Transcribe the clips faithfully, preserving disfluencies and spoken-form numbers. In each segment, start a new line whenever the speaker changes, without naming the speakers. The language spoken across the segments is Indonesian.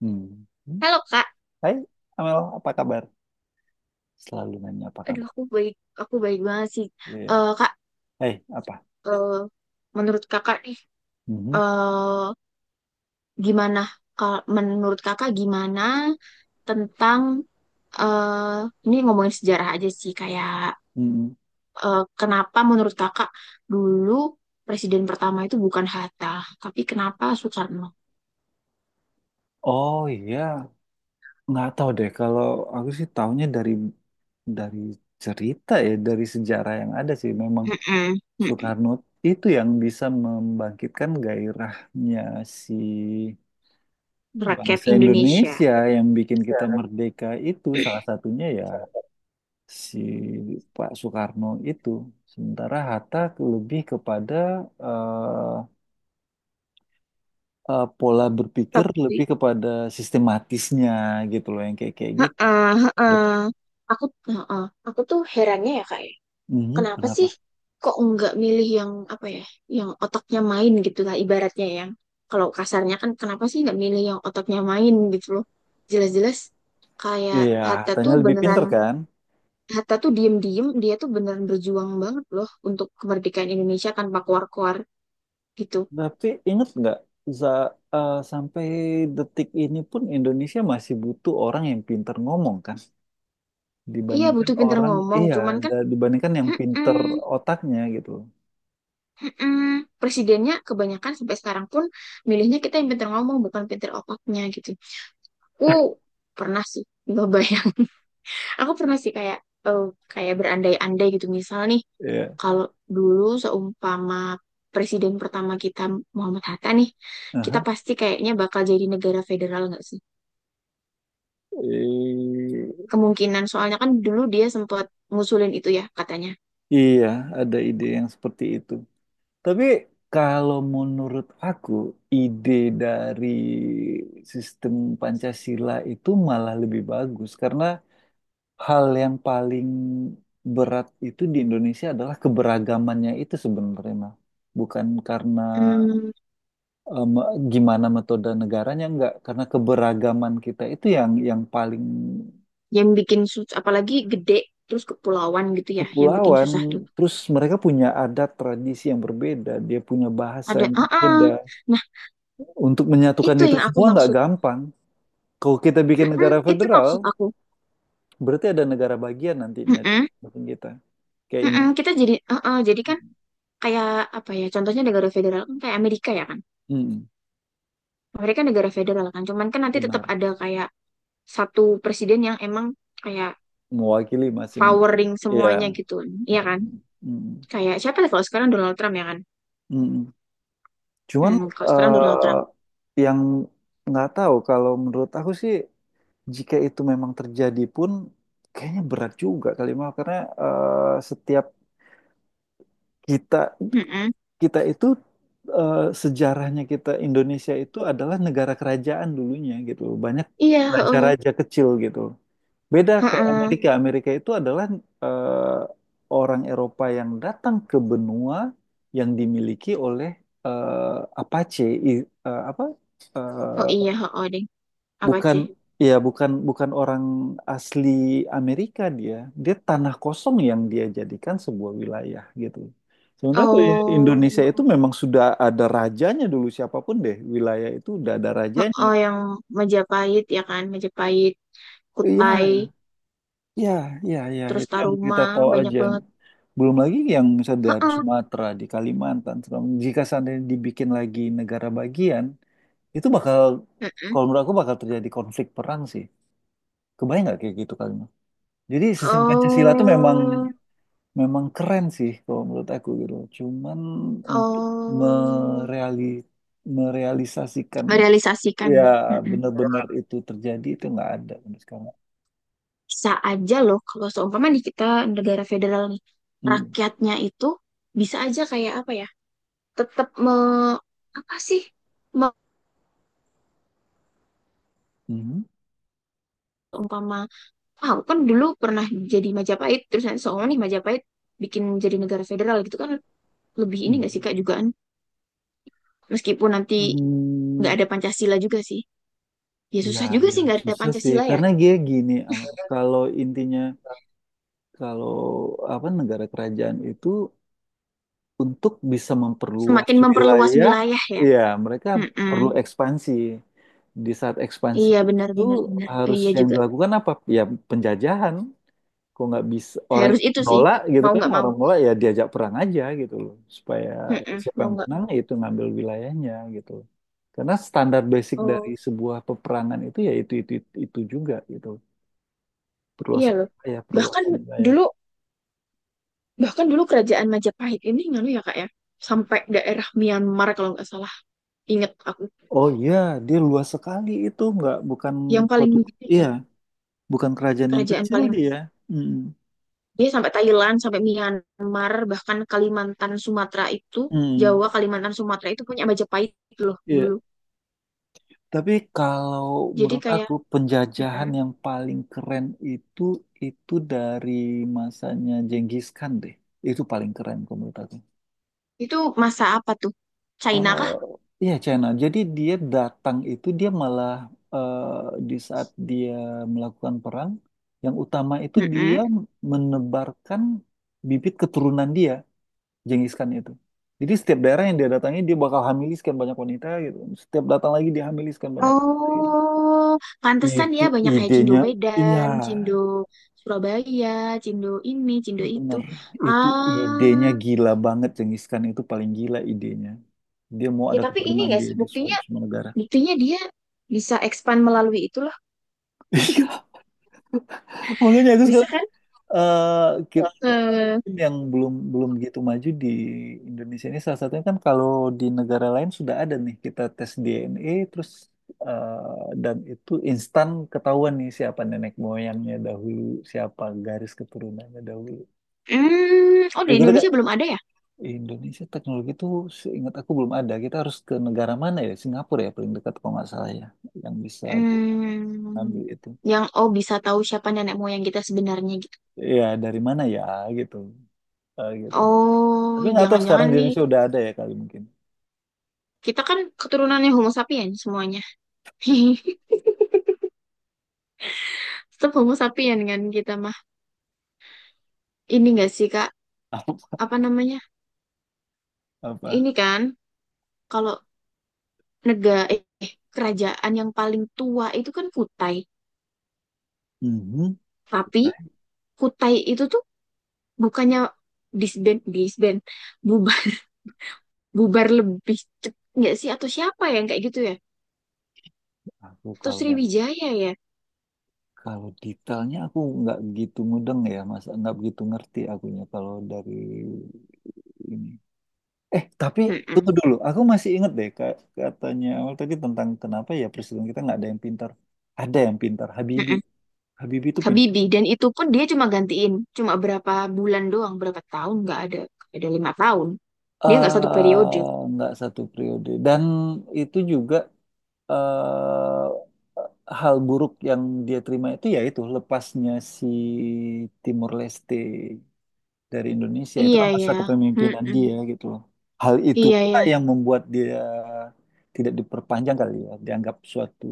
Hmm.
Halo Kak,
Hai, Amel, apa kabar? Selalu nanya apa
aduh
kabar.
aku baik, aku baik banget sih.
Iya.
Eh kak,
Hai, apa?
eh, menurut Kakak nih,
Mhm.
eh gimana? Kal- menurut Kakak gimana tentang eh ini ngomongin sejarah aja sih, kayak
Mhm.
eh, kenapa menurut Kakak dulu presiden pertama itu bukan Hatta, tapi kenapa Soekarno?
Oh iya, nggak tahu deh. Kalau aku sih taunya dari dari cerita ya, dari sejarah yang ada sih. Memang
Mm-mm, mm-mm.
Soekarno itu yang bisa membangkitkan gairahnya si
Rakyat
bangsa
Indonesia.
Indonesia yang bikin kita merdeka itu salah satunya ya si Pak Soekarno itu. Sementara Hatta lebih kepada eh, eh, pola berpikir
Tapi,
lebih kepada sistematisnya gitu loh yang kayak kayak gitu.
heeh,
Dia
heeh.
masuk,
Aku, heeh, aku tuh herannya, ya Kak. Ya,
"Mhm,
kenapa sih
kenapa?
kok nggak milih yang apa ya, yang otaknya main gitu lah ibaratnya, yang kalau kasarnya kan kenapa sih nggak milih yang otaknya main gitu loh. Jelas-jelas kayak
Iya,
Hatta tuh
Hattanya lebih
beneran,
pinter kan?
Hatta tuh diem-diem dia tuh beneran berjuang banget loh untuk kemerdekaan Indonesia tanpa keluar-keluar gitu.
Tapi inget nggak za- eh, sampai detik ini pun Indonesia masih butuh orang yang pinter ngomong kan?
Iya
Dibandingkan
butuh pinter
orang,
ngomong,
iya,
cuman kan
da- dibandingkan yang pinter
mm-mm,
otaknya gitu.
mm-mm. Presidennya kebanyakan sampai sekarang pun milihnya kita yang pinter ngomong bukan pinter otaknya gitu. Aku pernah sih nyobain. Aku pernah sih kayak eh, kayak berandai-andai gitu. Misal nih,
Iya.
kalau dulu seumpama presiden pertama kita Muhammad Hatta nih, kita
Aha.
pasti kayaknya bakal jadi negara federal nggak sih?
Eh,
Kemungkinan, soalnya kan dulu dia sempat ngusulin itu ya katanya.
iya, ada ide yang seperti itu. Tapi kalau menurut aku, ide dari sistem Pancasila itu malah lebih bagus karena hal yang paling berat itu di Indonesia adalah keberagamannya itu sebenarnya, Mah. Bukan karena
Hmm,
em, gimana metode negaranya, enggak, karena keberagaman kita itu yang yang paling
yang bikin susah, apalagi gede terus kepulauan gitu ya, yang bikin
kepulauan,
susah tuh.
terus mereka punya adat tradisi yang berbeda, dia punya bahasa
Ada,
yang
ah, ah.
berbeda.
Nah
Untuk menyatukan
itu
itu
yang aku
semua nggak
maksud.
gampang. Kalau kita bikin
Mm-mm,
negara
itu maksud
federal,
aku.
berarti ada negara bagian nantinya di
Mm-mm,
samping kita. Kayak ini,
mm-mm. Kita jadi, ah, ah. Jadi kan kayak apa ya, contohnya negara federal kan kayak Amerika, ya kan?
mm,
Amerika negara federal kan, cuman kan nanti tetap
benar,
ada kayak satu presiden yang emang kayak
mewakili masing,
powering semuanya
ya.
gitu, iya kan?
Mm,
Kayak siapa ya kalau sekarang Donald Trump, ya kan?
mm. Cuman
Hmm, kalau sekarang Donald
eh,
Trump.
yang nggak tahu kalau menurut aku sih, jika itu memang terjadi pun, kayaknya berat juga kali, Mal, karena eh, setiap kita
Mm-mm.
kita itu eh, sejarahnya kita Indonesia itu adalah negara kerajaan dulunya gitu loh. Banyak
Iya heeh.
raja-raja kecil gitu. Beda kayak
Heeh.
Amerika. Amerika itu adalah eh, orang Eropa yang datang ke benua yang dimiliki oleh eh, Apache, i- eh, apa?
Oh
eh,
iya, heeh deh. Apa
bukan,
sih?
ya bukan bukan orang asli Amerika dia, dia tanah kosong yang dia jadikan sebuah wilayah gitu, sementara tuh i- Indonesia itu
Oh,
memang sudah ada rajanya dulu, siapapun deh wilayah itu udah ada rajanya.
heeh, yang Majapahit ya kan, Majapahit, Kutai,
Iya, iya, iya, iya.
terus
Itu yang
Taruma,
kita tahu
banyak
aja.
banget.
Belum lagi yang misalnya dari
Heeh,
Sumatera, di Kalimantan, segala macam. Jika seandainya dibikin lagi negara bagian, itu bakal,
heeh.
kalau menurut aku bakal terjadi konflik perang sih. Kebayang nggak kayak gitu kan? Jadi sistem Pancasila tuh memang
Oh,
memang keren sih kalau menurut aku gitu. Cuman untuk
oh,
mereali merealisasikan ya
merealisasikannya. Mm-mm.
benar-benar itu terjadi itu nggak ada untuk sekarang.
Bisa aja loh kalau seumpama di kita negara federal nih,
Mm.
rakyatnya itu bisa aja kayak apa ya, tetap me, apa sih, me,
Mhm.
umpama, ah, aku kan dulu pernah jadi Majapahit, terus nanti seumpama nih Majapahit bikin jadi negara federal gitu kan, lebih ini gak sih
Mm.
Kak jugaan, meskipun nanti nggak
Mm.
ada Pancasila juga sih. Ya
Ya,
susah juga
ya
sih nggak ada
susah sih
Pancasila ya,
karena dia gini, Am. Kalau intinya, kalau apa, negara kerajaan itu untuk bisa memperluas
semakin memperluas
wilayah,
wilayah ya.
ya mereka perlu
Mm-mm.
ekspansi. Di saat ekspansi
Iya
itu
benar-benar benar benar benar.
harus
Iya
yang
juga.
dilakukan apa? Ya penjajahan. Kok nggak bisa orang
Harus
yang
itu sih.
menolak gitu
Mau
kan?
nggak mau.
Orang menolak ya diajak perang aja gitu loh. Supaya
Mm-mm,
siapa
mau
yang
nggak
menang ya
mau.
itu ngambil wilayahnya gitu loh. Karena standar basic dari
Oh,
sebuah peperangan itu ya itu itu itu, itu juga gitu.
iya
Perluasan
loh.
wilayah,
Bahkan
perluasan wilayah.
dulu, bahkan dulu kerajaan Majapahit ini nganu ya Kak ya. Sampai daerah Myanmar kalau nggak salah. Ingat aku.
Oh iya, dia luas sekali itu, nggak, bukan
Yang paling
suatu,
gede
iya.
kan
Bukan kerajaan yang
kerajaan
kecil
paling
dia.
besar.
Mm,
Dia sampai Thailand, sampai Myanmar, bahkan Kalimantan, Sumatera itu,
mm,
Jawa, Kalimantan, Sumatera itu punya Majapahit loh
iya.
dulu.
Tapi kalau
Jadi
menurut
kayak
aku
mm-mm.
penjajahan yang paling keren itu itu dari masanya Genghis Khan deh. Itu paling keren kalau menurut aku.
Itu masa apa tuh? China
Eh,
kah?
Iya, China. Jadi dia datang itu dia malah eh, di saat dia melakukan perang yang utama itu dia
Mm-mm.
menebarkan bibit keturunan dia. Genghis Khan itu. Jadi setiap daerah yang dia datangi dia bakal hamiliskan banyak wanita gitu. Setiap datang lagi dia hamiliskan banyak wanita gitu.
Oh, pantesan ya
Itu
banyak kayak Cindo
idenya, iya,
Medan, Cindo Surabaya, Cindo ini, Cindo itu.
bener. Itu idenya
Ah,
gila banget, Genghis Khan itu paling gila idenya. Dia mau
ya
ada
tapi ini
keturunan
nggak
dia
sih
di semua,
buktinya,
semua negara.
buktinya dia bisa expand melalui itulah,
Iya, makanya aku
bisa
sekarang
kan?
eh, kit-
Eh,
tim yang belum belum gitu maju di Indonesia ini salah satunya kan, kalau di negara lain sudah ada nih kita tes D N A terus, eh, dan itu instan ketahuan nih siapa nenek moyangnya dahulu, siapa garis keturunannya dahulu.
hmm, oh di
Kalau kita kan
Indonesia belum ada ya?
Indonesia teknologi itu seingat aku belum ada. Kita harus ke negara mana ya? Singapura ya paling dekat kalau nggak salah ya yang bisa bu-
Hmm,
ngambil itu.
yang oh bisa tahu siapa nenek moyang kita sebenarnya gitu.
Ya dari mana ya gitu. Eh, gitu.
Oh,
Tapi nggak tahu sekarang
jangan-jangan
di
nih
Indonesia udah ada ya kali mungkin.
kita kan keturunannya Homo sapien semuanya. Tetap Homo sapien kan kita mah. Ini nggak sih Kak? Apa namanya,
Apa?
ini kan kalau negara eh eh, kerajaan yang paling tua itu kan Kutai,
Mhm.
tapi
Detail.
Kutai itu tuh bukannya disband, disband, bubar bubar lebih cepat nggak sih, atau siapa ya yang kayak gitu ya,
Aku
atau
kalau yang,
Sriwijaya ya?
kalau detailnya aku nggak gitu mudeng ya, Mas. Nggak begitu ngerti akunya kalau dari ini. Eh, tapi
Mm-mm,
tunggu dulu. Aku masih inget deh ka- katanya awal tadi tentang kenapa ya presiden kita nggak ada yang pintar. Ada yang pintar, Habibie.
mm-mm.
Habibie itu pintar.
Habibie, dan itu pun dia cuma gantiin cuma berapa bulan doang, berapa tahun, nggak ada, nggak ada lima tahun, dia nggak satu periode.
Eh, nggak satu periode. Dan itu juga eh hal buruk yang dia terima itu yaitu lepasnya si Timor Leste dari Indonesia itu
Iya
kan masa
ya.
kepemimpinan
Mm-mm.
dia gitu loh. Hal itu
Iya
pula
ya,
yang membuat dia tidak diperpanjang kali ya, dianggap suatu,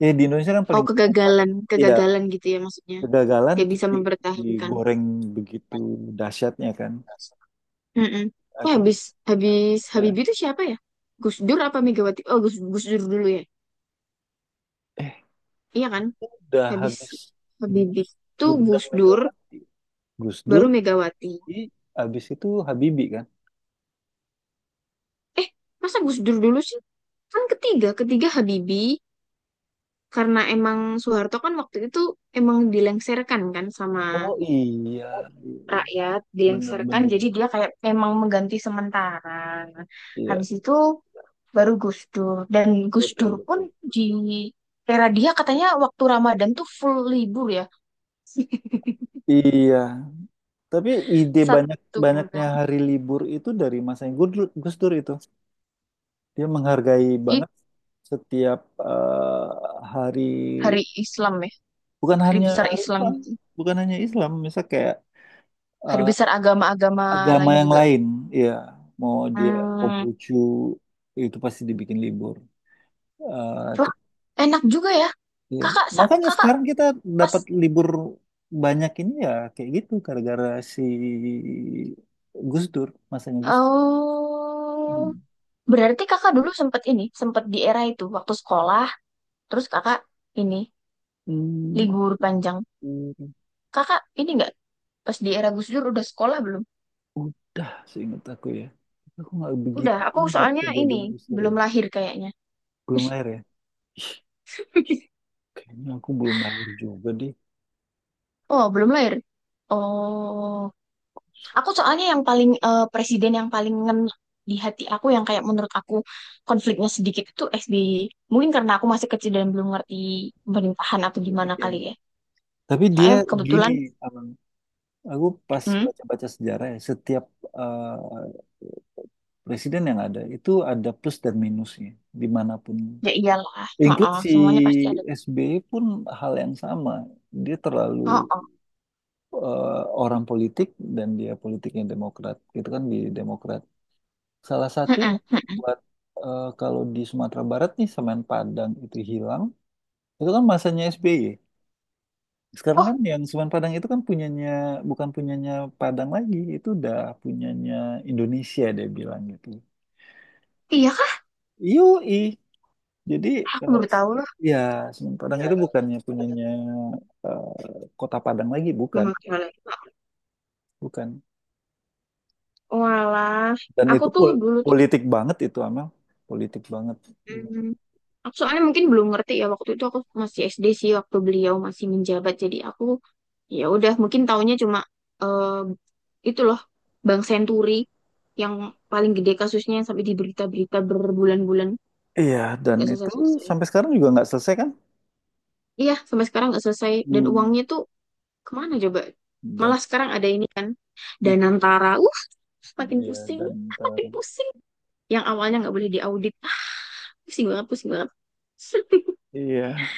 ya di Indonesia kan
oh
paling gampang banget.
kegagalan,
Iya,
kegagalan gitu ya maksudnya.
kegagalan
Gak
terus
bisa
di-
mempertahankan.
digoreng begitu dahsyatnya kan.
Mm-mm. Oh,
Akhirnya
habis habis
ya,
Habibie itu siapa ya? Gus Dur apa Megawati? Oh, Gus, Gus Dur dulu ya.
eh,
Iya kan?
udah
Habis
habis Gus
Habibie itu
Dur dan
Gus Dur,
Megawati. Gus Dur,
baru Megawati.
i habis itu Habibie kan.
Eh, masa Gus Dur dulu sih? Kan ketiga, ketiga Habibie, karena emang Soeharto kan waktu itu emang dilengserkan kan sama
Oh iya, iya, iya.
rakyat,
Bener
dilengsarkan
bener
jadi
bener.
dia kayak memang mengganti sementara.
Iya,
Habis itu baru Gus Dur, dan Gus
betul
Dur pun
betul.
di era dia katanya waktu Ramadan tuh full libur ya.
Iya, tapi ide banyak
Satu
banyaknya
bulan
hari libur itu dari masanya Gus Dur Gus Dur itu. Dia menghargai
itu
banget setiap eh, hari,
hari Islam ya,
bukan
hari
hanya
besar
hari
Islam
Islam,
gitu,
bukan hanya Islam, misal kayak
hari
eh,
besar agama-agama
agama
lain
yang
juga.
lain, ya mau dia
Hmm,
Konghucu itu pasti dibikin libur. Eh, te-
wah enak juga ya
Ya.
kakak sa-
Makanya
kakak
sekarang kita
pas.
dapat libur banyak ini ya kayak gitu gara-gara si Gus Dur, masanya Gus Dur.
Oh,
Hmm.
berarti kakak dulu sempat ini, sempat di era itu waktu sekolah. Terus kakak ini
Hmm.
libur panjang.
Hmm.
Kakak ini nggak pas di era Gus Dur udah sekolah belum?
Udah seingat aku ya. Tapi aku nggak begitu
Udah, aku
ingat
soalnya ini
kejadian booster
belum
ya.
lahir kayaknya.
Belum lahir ya? Kayaknya aku belum lahir juga deh.
Oh, belum lahir. Oh, aku soalnya yang paling eh, presiden yang paling ngena di hati aku yang kayak menurut aku konfliknya sedikit itu S B Y. Mungkin karena aku masih kecil dan belum ngerti pemerintahan atau gimana
Genetik ya.
kali ya.
Tapi dia
Soalnya
gini,
kebetulan,
Amang. Aku pas
hmm,
baca-baca sejarah ya, setiap eh, presiden yang ada itu ada plus dan minusnya dimanapun.
ya iyalah,
Include
oh,
si
semuanya pasti ada.
S B Y pun hal yang sama. Dia
Oh,
terlalu
oh,
eh, orang politik, dan dia politiknya Demokrat. Itu kan di Demokrat salah satu
mm-mm,
yang
mm-mm.
buat eh, kalau di Sumatera Barat nih semen Padang itu hilang, itu kan masanya S B Y. Sekarang
Oh,
kan yang semen Padang itu kan punyanya, bukan punyanya Padang lagi, itu udah punyanya Indonesia dia bilang gitu.
iya kah?
Yoi. Jadi
Aku
eh,
baru tahu.
ya semen Padang itu
Ya.
bukannya punyanya eh, Kota Padang lagi, bukan,
Banget soalnya.
bukan.
Walah,
Dan
aku
itu
tuh
pol-,
dulu tuh,
politik banget itu Amel, politik banget.
hmm, aku soalnya mungkin belum ngerti ya waktu itu aku masih S D sih waktu beliau masih menjabat. Jadi aku ya udah mungkin taunya cuma eh, itu loh Bank Senturi yang paling gede kasusnya yang sampai di berita-berita berbulan-bulan,
Iya, dan
nggak
itu
selesai-selesai.
sampai sekarang juga nggak selesai kan?
Iya, sampai sekarang nggak selesai dan uangnya
Hmm.
tuh kemana coba?
Dan,
Malah sekarang ada ini kan Danantara. Uh, makin
iya
pusing,
dan ntar,
makin pusing. Yang awalnya nggak boleh diaudit, ah, pusing banget, pusing banget.
iya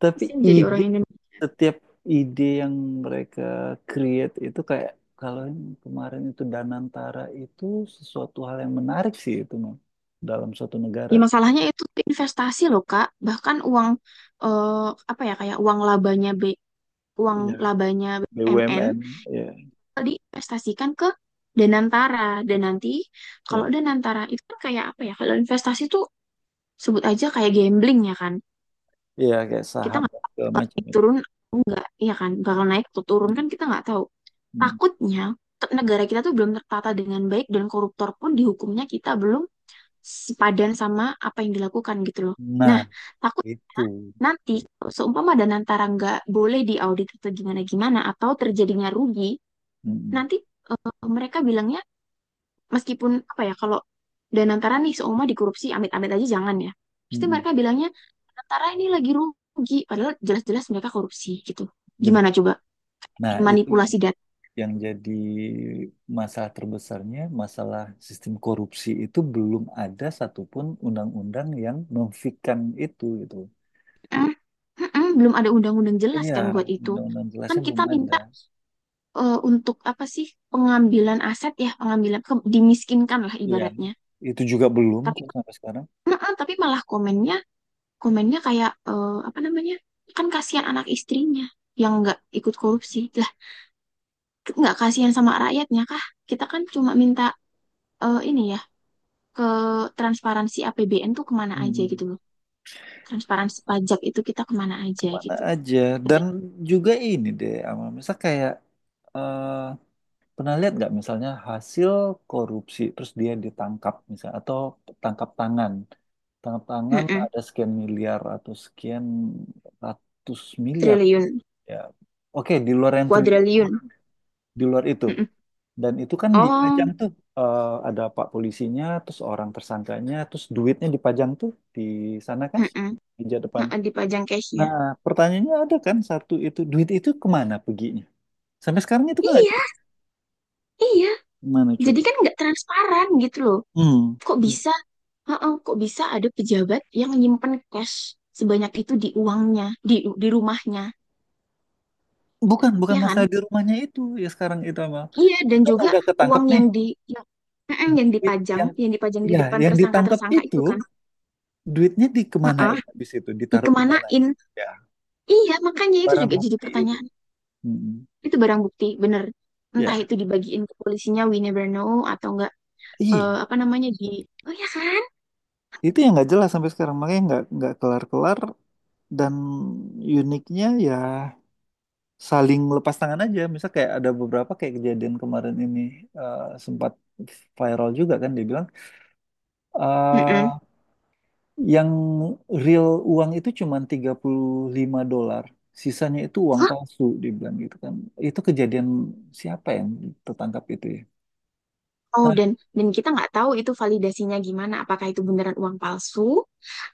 tapi
Pusing jadi
ide,
orang Indonesia.
setiap ide yang mereka create itu kayak, kalau yang kemarin itu Danantara itu sesuatu hal yang menarik sih itu Mam, dalam suatu negara,
Ya, masalahnya itu investasi loh kak, bahkan uang eh, apa ya, kayak uang labanya B uang
iya
labanya B M N
B U M N, iya
diinvestasikan ke Danantara, dan nanti kalau
iya
Danantara itu kan kayak apa ya, kalau investasi tuh sebut aja kayak gambling, ya kan?
iya kayak
Kita
saham
nggak
dan
tahu
segala
bakal
macam
naik
ya.
turun atau enggak, iya kan, bakal naik atau turun
Mm,
kan kita nggak tahu.
mm.
Takutnya te- negara kita tuh belum tertata dengan baik dan koruptor pun dihukumnya kita belum sepadan sama apa yang dilakukan gitu loh. Nah
Nah
takutnya
itu.
nanti kalau seumpama dan antara nggak boleh diaudit atau gimana gimana atau terjadinya rugi,
Mm,
nanti eh, mereka bilangnya, meskipun apa ya kalau dan antara nih seumur dikorupsi, amit-amit aja jangan ya,
mm,
pasti
mm, mm.
mereka bilangnya antara ini lagi rugi padahal jelas-jelas mereka korupsi gitu,
Benar.
gimana coba,
Nah itu yang
manipulasi data.
yang jadi masalah terbesarnya, masalah sistem korupsi itu belum ada satupun undang-undang yang memfikan itu gitu.
Mm, mm-mm, belum ada undang-undang jelas
Iya,
kan buat itu.
undang-undang
Kan
jelasnya
kita
belum ada.
minta eh, untuk apa sih pengambilan aset ya, pengambilan ke- dimiskinkan lah
Iya,
ibaratnya.
itu juga belum
Tapi
kok sampai sekarang.
mm-mm, tapi malah komennya, komennya kayak eh, apa namanya, kan kasihan anak istrinya yang nggak ikut korupsi. Nggak kasihan sama rakyatnya kah? Kita kan cuma minta eh, ini ya, ke transparansi A P B N tuh kemana aja gitu
Hmm,
loh. Transparansi pajak itu kita kemana aja
kemana
gitu.
aja?
Ada.
Dan juga ini deh, Amal. Misal kayak eh, pernah lihat nggak misalnya hasil korupsi terus dia ditangkap misalnya atau tangkap tangan. Tangkap tangan
Mm-mm.
ada sekian miliar atau sekian ratus miliar
Triliun,
ya. Oke, di luar yang triliun,
kuadriliun.
di luar itu.
Mm-mm.
Dan itu kan dipajang
Oh,
tuh, eh, ada pak polisinya, terus orang tersangkanya, terus duitnya dipajang tuh di sana kan,
mm-mm.
meja depan.
Mm-mm, dipajang cashnya.
Nah, pertanyaannya ada kan, satu, itu duit itu kemana peginya? Sampai sekarang itu kan nggak
Iya,
jelas.
iya.
Kemana
Jadi
coba?
kan nggak transparan gitu loh.
Hmm.
Kok
Hmm.
bisa? Heeh, kok bisa ada pejabat yang nyimpen cash sebanyak itu di uangnya, di di rumahnya,
Bukan, bukan
ya
masalah
kan?
di rumahnya itu ya sekarang itu Amal.
Iya, dan
Kan
juga
udah ketangkep
uang
nih
yang di yang, mm-mm, yang
duit
dipajang,
yang,
yang dipajang di
ya
depan
yang ditangkep
tersangka-tersangka itu kan,
itu duitnya
heeh,
dikemanain, habis itu ditaruh di mana?
dikemanain?
Ya
Iya, makanya itu
barang
juga jadi
bukti itu.
pertanyaan.
Mm-mm.
Itu barang bukti, bener. Entah
Ya,
itu dibagiin ke polisinya, we never know, atau enggak
iya,
eh, apa namanya di, oh ya kan?
itu yang nggak jelas sampai sekarang makanya nggak nggak kelar-kelar, dan uniknya ya saling lepas tangan aja. Misal kayak ada beberapa kayak kejadian kemarin ini eh, sempat viral juga kan dia bilang,
Mm-mm.
eh, yang real uang itu cuma tiga puluh lima dolar, sisanya itu uang
Hah?
palsu dibilang gitu kan. Itu kejadian siapa yang tertangkap itu ya?
Oh,
Nah,
dan dan kita nggak tahu itu validasinya gimana, apakah itu beneran uang palsu,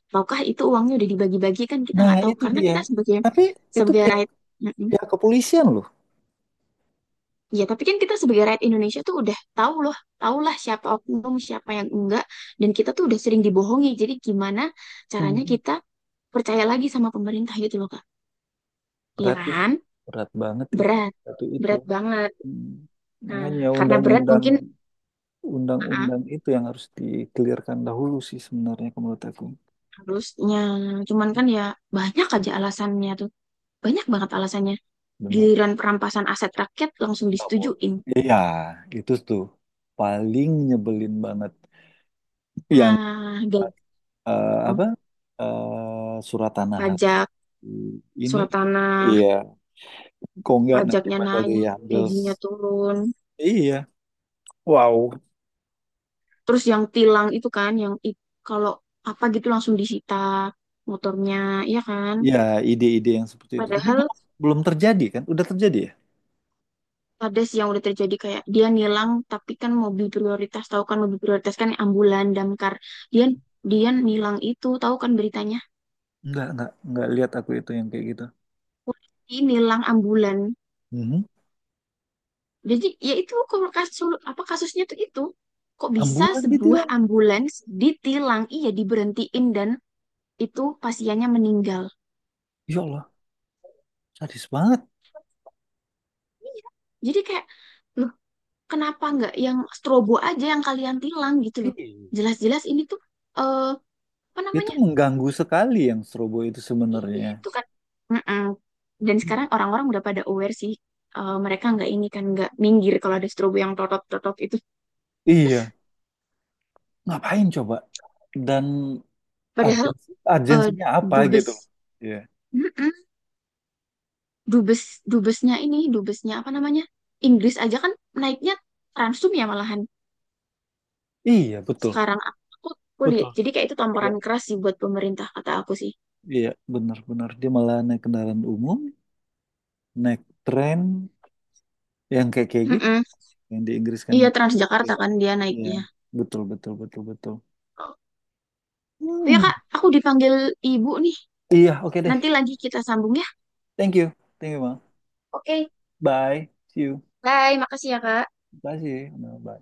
ataukah itu uangnya udah dibagi-bagi kan kita
nah
nggak tahu,
itu
karena
dia.
kita sebagai
Tapi itu
sebagai
pihak,
right,
pihak kepolisian loh.
iya, tapi kan kita sebagai rakyat Indonesia tuh udah tahu loh, tahulah siapa oknum, siapa yang enggak, dan kita tuh udah sering dibohongi. Jadi gimana caranya
Hmm.
kita percaya lagi sama pemerintah gitu loh, Kak? Iya
Berat ya,
kan?
berat banget itu,
Berat,
satu itu.
berat banget.
Hmm.
Nah,
Makanya
karena berat
undang-undang,
mungkin ah,
undang-undang itu yang harus dikelirkan dahulu sih sebenarnya kalau menurut aku.
harusnya, cuman kan ya banyak aja alasannya tuh, banyak banget alasannya.
Benar.
Giliran perampasan aset rakyat langsung
Nggak boleh.
disetujuin.
Iya, itu tuh paling nyebelin banget. Yang
Ah, gampang.
eh, apa eh, surat tanah harus
Pajak,
di- ini,
surat tanah,
iya, kok nggak nanti
pajaknya
bakal
naik,
diambil,
gajinya turun.
iya, wow.
Terus yang tilang itu kan, yang i- kalau apa gitu langsung disita motornya, ya kan?
Ya ide-ide yang seperti itu tapi
Padahal
belum, belum terjadi kan udah terjadi ya.
ada sih yang udah terjadi kayak dia nilang, tapi kan mobil prioritas, tahu kan mobil prioritas kan ambulan, damkar. Dia dia nilang itu, tahu kan beritanya?
Nggak, nggak nggak lihat aku itu yang kayak gitu.
Polisi nilang ambulan.
Mhm.
Jadi ya itu kok kasus apa kasusnya tuh itu, kok bisa
Ambulan
sebuah
ditilang.
ambulans ditilang, iya diberhentiin, dan itu pasiennya meninggal.
Ya Allah, sadis banget.
Iya. Jadi kayak loh kenapa nggak yang strobo aja yang kalian tilang gitu loh.
Iya.
Jelas-jelas ini tuh eh apa
Itu
namanya?
mengganggu sekali yang strobo itu
Iya,
sebenarnya.
itu kan. Mm-mm. Dan
Mm.
sekarang orang-orang udah pada aware sih. Eh, mereka nggak ini kan nggak minggir kalau ada strobo yang totot-totot itu.
Iya, ngapain coba. Dan
Padahal
agensi,
eh,
agensinya apa gitu loh.
dubes,
Iya.
mm-mm, dubes, dubesnya ini, dubesnya apa namanya? Inggris aja kan naiknya Transum ya malahan.
Iya, betul.
Sekarang aku kuliah.
Betul.
Jadi kayak itu tamparan
Ya,
keras sih buat pemerintah kata aku sih.
iya, benar-benar dia malah naik kendaraan umum, naik tren yang kayak kayak gitu
Mm-mm.
yang di Inggris kan
Iya
ya. Oke.
Transjakarta kan dia
Iya,
naiknya.
betul, betul, betul, betul.
Oh ya
Hmm,
Kak, aku dipanggil ibu nih.
iya, oke deh.
Nanti lagi kita sambung ya.
Thank you, thank you, Bang. Bye, see you.
Bye.
Bye, see you. Bye.